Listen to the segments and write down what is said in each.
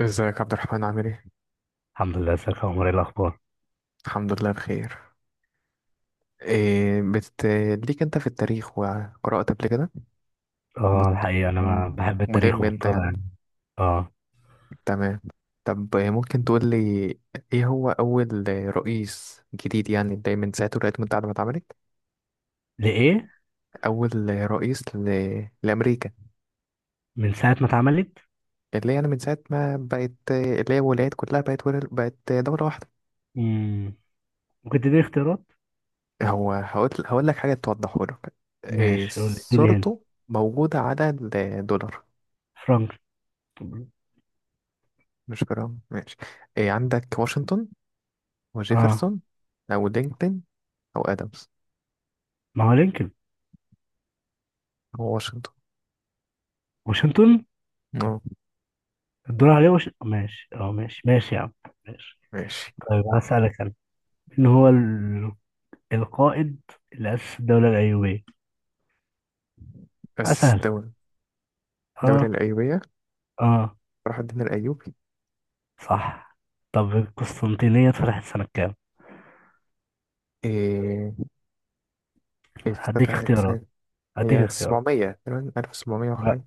ازيك عبد الرحمن عامل ايه؟ الحمد لله، ازيك يا عمر، ايه الاخبار؟ الحمد لله بخير. إيه بت... ليك انت في التاريخ وقرأت قبل كده؟ اه مت... الحقيقه انا م- ما بحب التاريخ ملم انت ومضطر يعني. يعني. اه تمام. طب ممكن تقول لي، ايه هو أول رئيس جديد يعني ده من ساعة الولايات المتحدة ما اتعملت؟ لايه. أول رئيس لأمريكا، من ساعه ما اتعملت. اللي يعني من ساعة ما بقت، اللي هي الولايات كلها بقت بقت دولة واحدة. مم. ممكن تديني اختيارات؟ هو هقول لك حاجة توضحه لك. إيه، ماشي قول لي، اديني هنا. صورته موجودة على الدولار، فرانك. مش جرام. ماشي، إيه عندك؟ واشنطن اه. وجيفرسون أو دينكتن أو آدمز؟ ما هو لينكولن. هو واشنطن. واشنطن. اه، الدور عليه ماشي. اه ماشي يا عم. ماشي. ماشي. طيب هسألك انا، مين هو القائد اللي أسس الدولة الأيوبية؟ أسس أسهل. الدولة اه. الأيوبية. اه. صلاح الدين الأيوبي. صح. طب القسطنطينية اتفتحت سنة كام؟ إيه، هديك افتتحت اختيارات سنة. هديك هي اختيارات سبعمية تقريبا، ألف سبعمية وحاجة.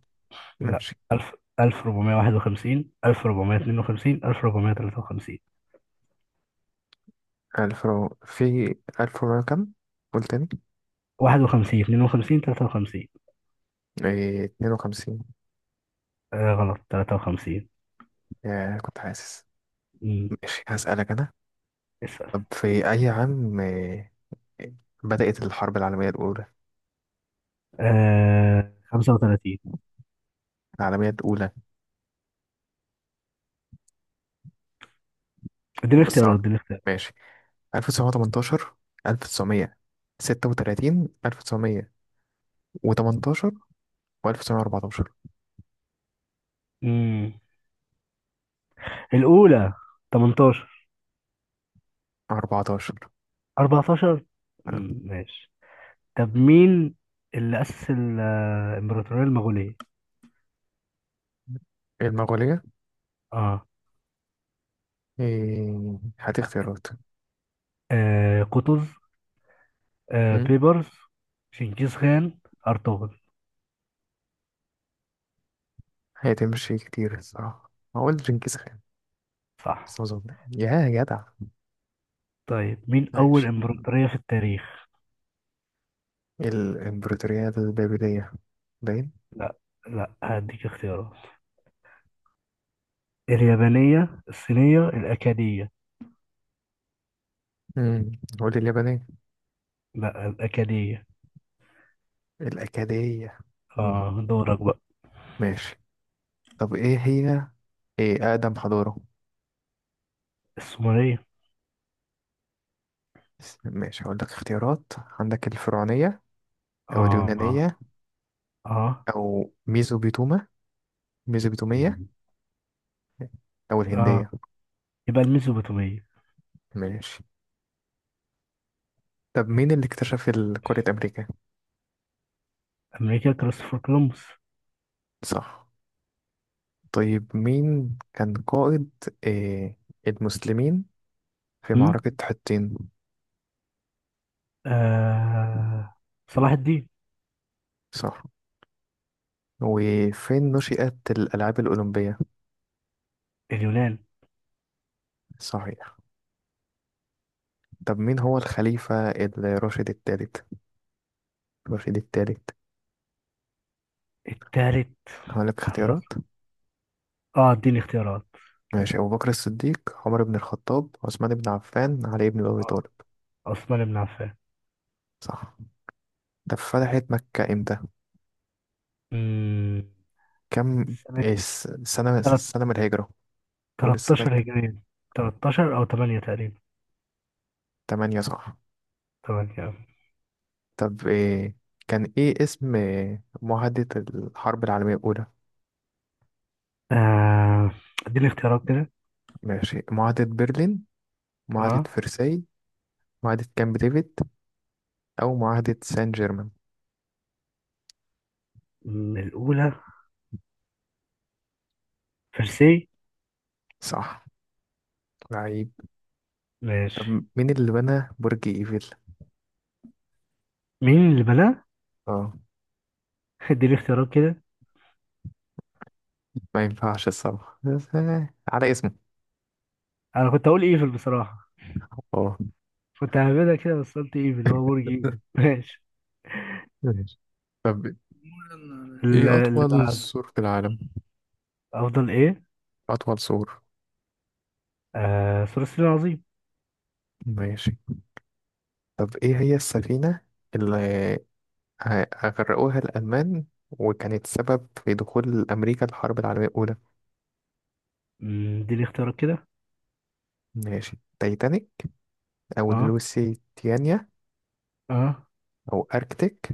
لا، ماشي. 1000، 1451، 1452، 1453. في ألف ومية كام؟ قول تاني. 51، 52، 53. إيه، اتنين وخمسين. آه غلط، 53. يا، كنت حاسس. امم ماشي، هسألك أنا. اسأل. طب في أي عام بدأت الحرب العالمية الأولى؟ آه، 35. العالمية الأولى اديني بص أهو. اختيارات اديني اختيارات ماشي. 1918، 1936، 1918 و1914. امم الأولى، 18، 14. 14. آه. امم. ماشي. طب مين اللي أسس الإمبراطورية المغولية؟ المغولية. اه. إيه، هات اختيارات. آه قطز، آه مم. بيبرز، شنكيز خان، أرطغرل. هتمشي كتير الصراحة، هقول جنكيز خان بس ما صح. أظن. يا جدع، طيب مين أول ماشي. إمبراطورية في التاريخ؟ الإمبراطورية البابلية، باين. لا. لا هديك اختيارات. اليابانية، الصينية، الأكادية. مم. قول لي اليابانية. لا، الأكادية. الأكادية. مم. آه دورك بقى. ماشي. طب إيه أقدم حضارة؟ السومرية. ماشي، هقول لك اختيارات. عندك الفرعونية أو آه آه اليونانية آه. او ميزوبيتومية مم. او آه الهندية. يبقى الميزوبوتامية. ماشي. طب مين اللي اكتشف قارة امريكا؟ أمريكا كريستوفر كولومبوس. صح. طيب مين كان قائد آه المسلمين في هم؟ معركة حطين؟ آه صلاح الدين. صح. وفين نشأت الألعاب الأولمبية؟ اليونان. صحيح. طب مين هو الخليفة الراشد الثالث؟ الراشد الثالث التالت. هقولك خلاص. اختيارات. آه اديني اختيارات. ماشي. أبو بكر الصديق، عمر بن الخطاب، عثمان بن عفان، علي بن أبي آه طالب. عثمان بن عفان. صح. طب فتحت مكة إمتى؟ مم. كم؟ سنة إيه السنة من الهجرة. قول السنة 13 كام. هجرية. 13 أو 8 تقريبا. تمانية، صح. 8. طب إيه كان اسم معاهدة الحرب العالمية الأولى؟ أه آه، اديني اختيارات كده. ماشي. معاهدة برلين، معاهدة اه. فرساي، معاهدة كامب ديفيد أو معاهدة سان جيرمان. الأولى. فرسي. صح، لعيب. طب ماشي. مين اللي بنى برج إيفل؟ مين اللي بناه؟ اه، اديني اختيارات كده. ما ينفعش الصراحة. بس على اسمه. أنا كنت أقول إيفل بصراحة. اه. كنت هعملها كده بس قلت إيفل هو برج إيفل. ماشي. ماشي. طب استنى ايه أطول ال- سور في العالم؟ أفضل إيه؟ أطول سور، آه ثلاثي العظيم. ماشي. طب ايه هي السفينة اللي أغرقوها الألمان، وكانت سبب في دخول أمريكا الحرب العالمية الأولى؟ اديني اختيارات كده. ماشي. تايتانيك أو اه لوسيتانيا اه أو أركتيك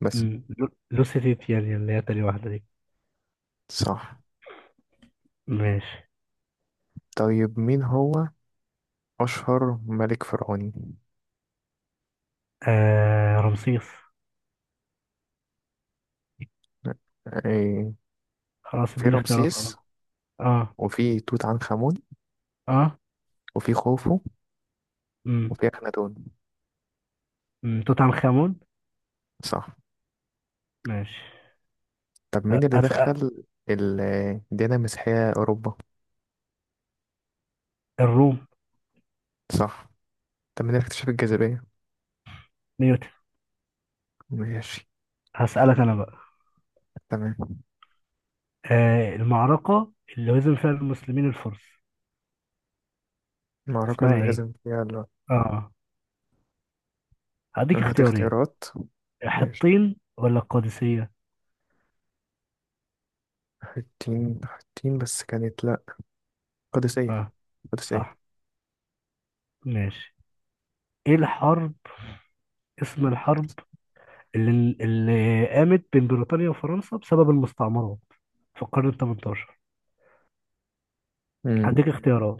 بس. لوسيتيت يعني اللي هي تاني واحدة دي. صح. ماشي. طيب مين هو أشهر ملك فرعوني؟ آه رمسيس. إيه، خلاص في اديني اختيارات. رمسيس اه اه وفي توت عنخ آمون اه. وفي خوفو امم وفي أخناتون. أمم. توت عنخ امون. صح. ماشي طب مين اللي هسأل. دخل ال- الديانة المسيحية أوروبا؟ الروم. صح. طب مين اللي اكتشف الجاذبية؟ نيوتن. ماشي، هسألك انا بقى. تمام. آه المعركة اللي هزم فيها المسلمين الفرس، المعركة اسمها اللي ايه؟ هزم فيها. اه. هديك هات اختيارين، اختيارات. ماشي. حطين ولا القادسية؟ حتين، حتين بس كانت لأ. قادسية، اه صح. قادسية. ماشي. ايه الحرب، اسم الحرب اللي قامت بين بريطانيا وفرنسا بسبب المستعمرات في القرن ال 18؟ امم هديك اختيارات.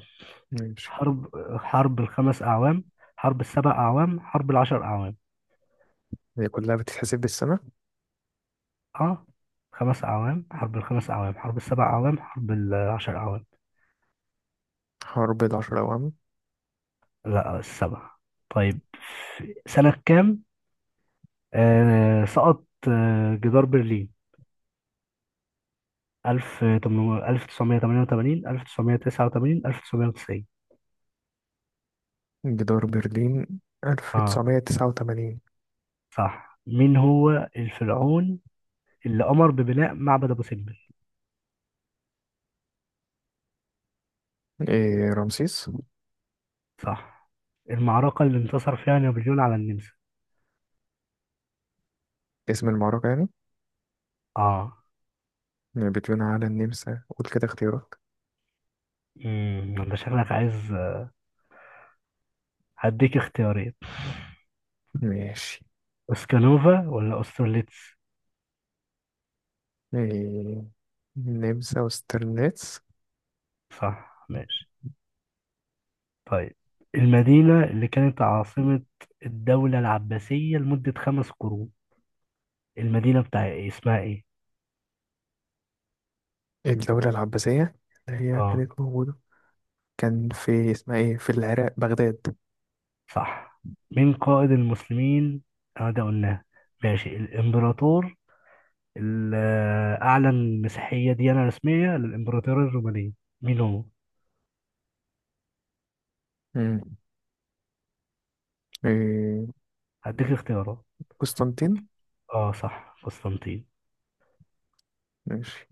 ماشي. حرب حرب الـ5 اعوام، حرب الـ7 اعوام، حرب الـ10 اعوام. هي كلها بتتحسب بالسنة. اه 5 أعوام، حرب الـ5 أعوام، حرب الـ7 أعوام، حرب الـ10 أعوام. حرب العشرة أوام. لا السبع. طيب في سنة كام سقط جدار برلين؟ 1988، 1989، 1990. جدار برلين اه 1989. صح. مين هو الفرعون اللي أمر ببناء معبد أبو سمبل؟ إيه، رمسيس. صح. المعركة اللي انتصر فيها نابليون على النمسا. اسم المعركة يعني. اه. بتبنى على النمسا، قول كده اختيارات. انت شكلك عايز. هديك اختيارين، ماشي، اسكانوفا ولا أسترليتس؟ إيه النمسا، وسترليتس. صح. ماشي. طيب المدينة اللي كانت عاصمة الدولة العباسية لمدة 5 قرون، المدينة بتاع إيه؟ اسمها ايه؟ الدولة العباسية، اللي هي اه كانت موجودة، كان في اسمها ايه، في العراق، بغداد. صح. مين قائد المسلمين؟ اه ده قلناه. ماشي. الإمبراطور اللي أعلن مسيحية ديانة رسمية للإمبراطورية الرومانية، مين هو؟ امم إيه، هديك اختيارات. قسطنطين. اه صح قسطنطين. ماشي.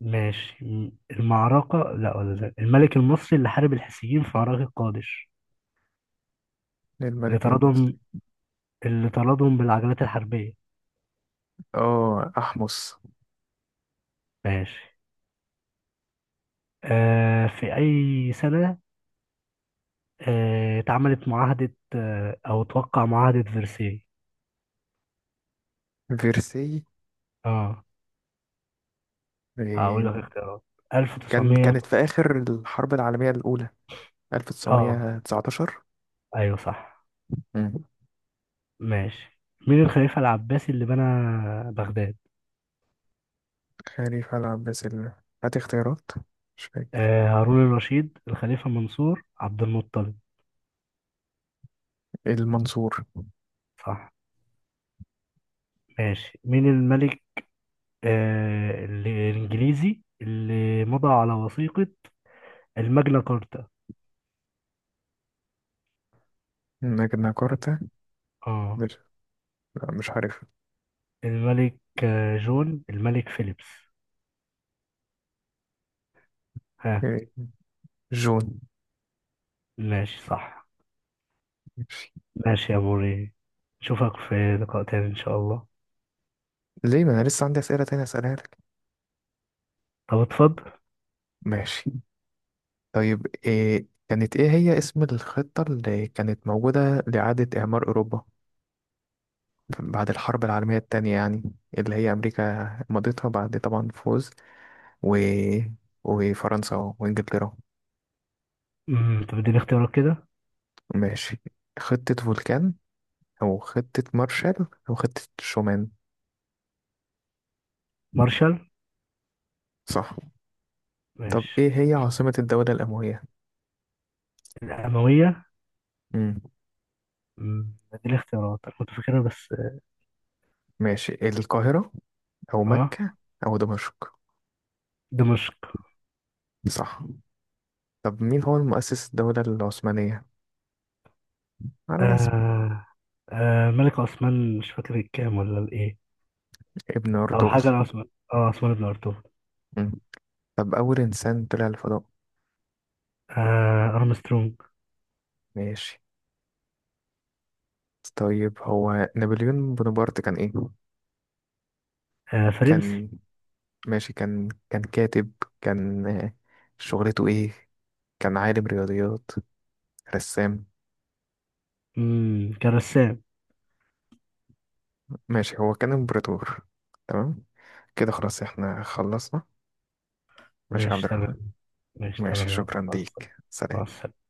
ماشي. المعركة، لا، ولا لا، الملك المصري اللي حارب الحيثيين في معركة قادش، اللي للملك المصري. طردهم اللي طردهم بالعجلات الحربية. اه، أحمس. ماشي. آه في أي سنة اتعملت معاهدة، أو توقع معاهدة فرساي؟ فيرسي. اه. هقول إيه، لك اختيارات. 1900. كانت في آخر الحرب العالمية الأولى، اه 1919. أيوه صح. مم. ماشي. مين الخليفة العباسي اللي بنى بغداد؟ خليفة العباس هات اختيارات، مش فاكر. آه هارون الرشيد، الخليفة منصور، عبد المطلب. المنصور. صح. ماشي. مين الملك الإنجليزي اللي مضى على وثيقة الماجنا كارتا؟ نجناكرتا. اه. مش لا، مش عارف. الملك جون، الملك فيليبس. ها. إيه، جون. ماشي صح. ماشي. ماشي يا موري، اشوفك في لقاء تاني ان شاء الله. ليه؟ ما أنا لسه عندي أسئلة تانية أسألها لك. طب اتفضل. ماشي. طيب إيه هي اسم الخطة اللي كانت موجودة لإعادة إعمار أوروبا بعد الحرب العالمية التانية، يعني اللي هي أمريكا مضيتها بعد طبعا فوز، و... وفرنسا وإنجلترا. طب اديني اختيارات كده. ماشي. خطة فولكان أو خطة مارشال أو خطة شومان. مارشال. صح. طب إيه ماشي. هي عاصمة الدولة الأموية؟ الأموية. مم. اديني اختيارات، انا كنت فاكرها بس. ماشي. القاهرة أو اه. مكة أو دمشق. دمشق. صح. طب مين هو المؤسس الدولة العثمانية؟ على اسم. آه. آه. ملك عثمان، مش فاكر الكام ولا الايه، ابن او أرطغرل. حاجة العثمان. اه عثمان بن ارطغرل. مم. طب أول إنسان طلع الفضاء. آه. ارمسترونج. ماشي. طيب هو نابليون بونابرت كان ايه؟ آه. فرنسي. كان. ماشي، كان كاتب، كان شغلته ايه؟ كان عالم رياضيات، رسام. مم. كان رسام. ماشي، هو كان امبراطور. تمام. كده خلاص احنا خلصنا. ماشي يا عبد ماشي تمام. الرحمن. ماشي ماشي، تمام يا عم، شكرا مع السلامة. ليك، مع سلام. السلامة.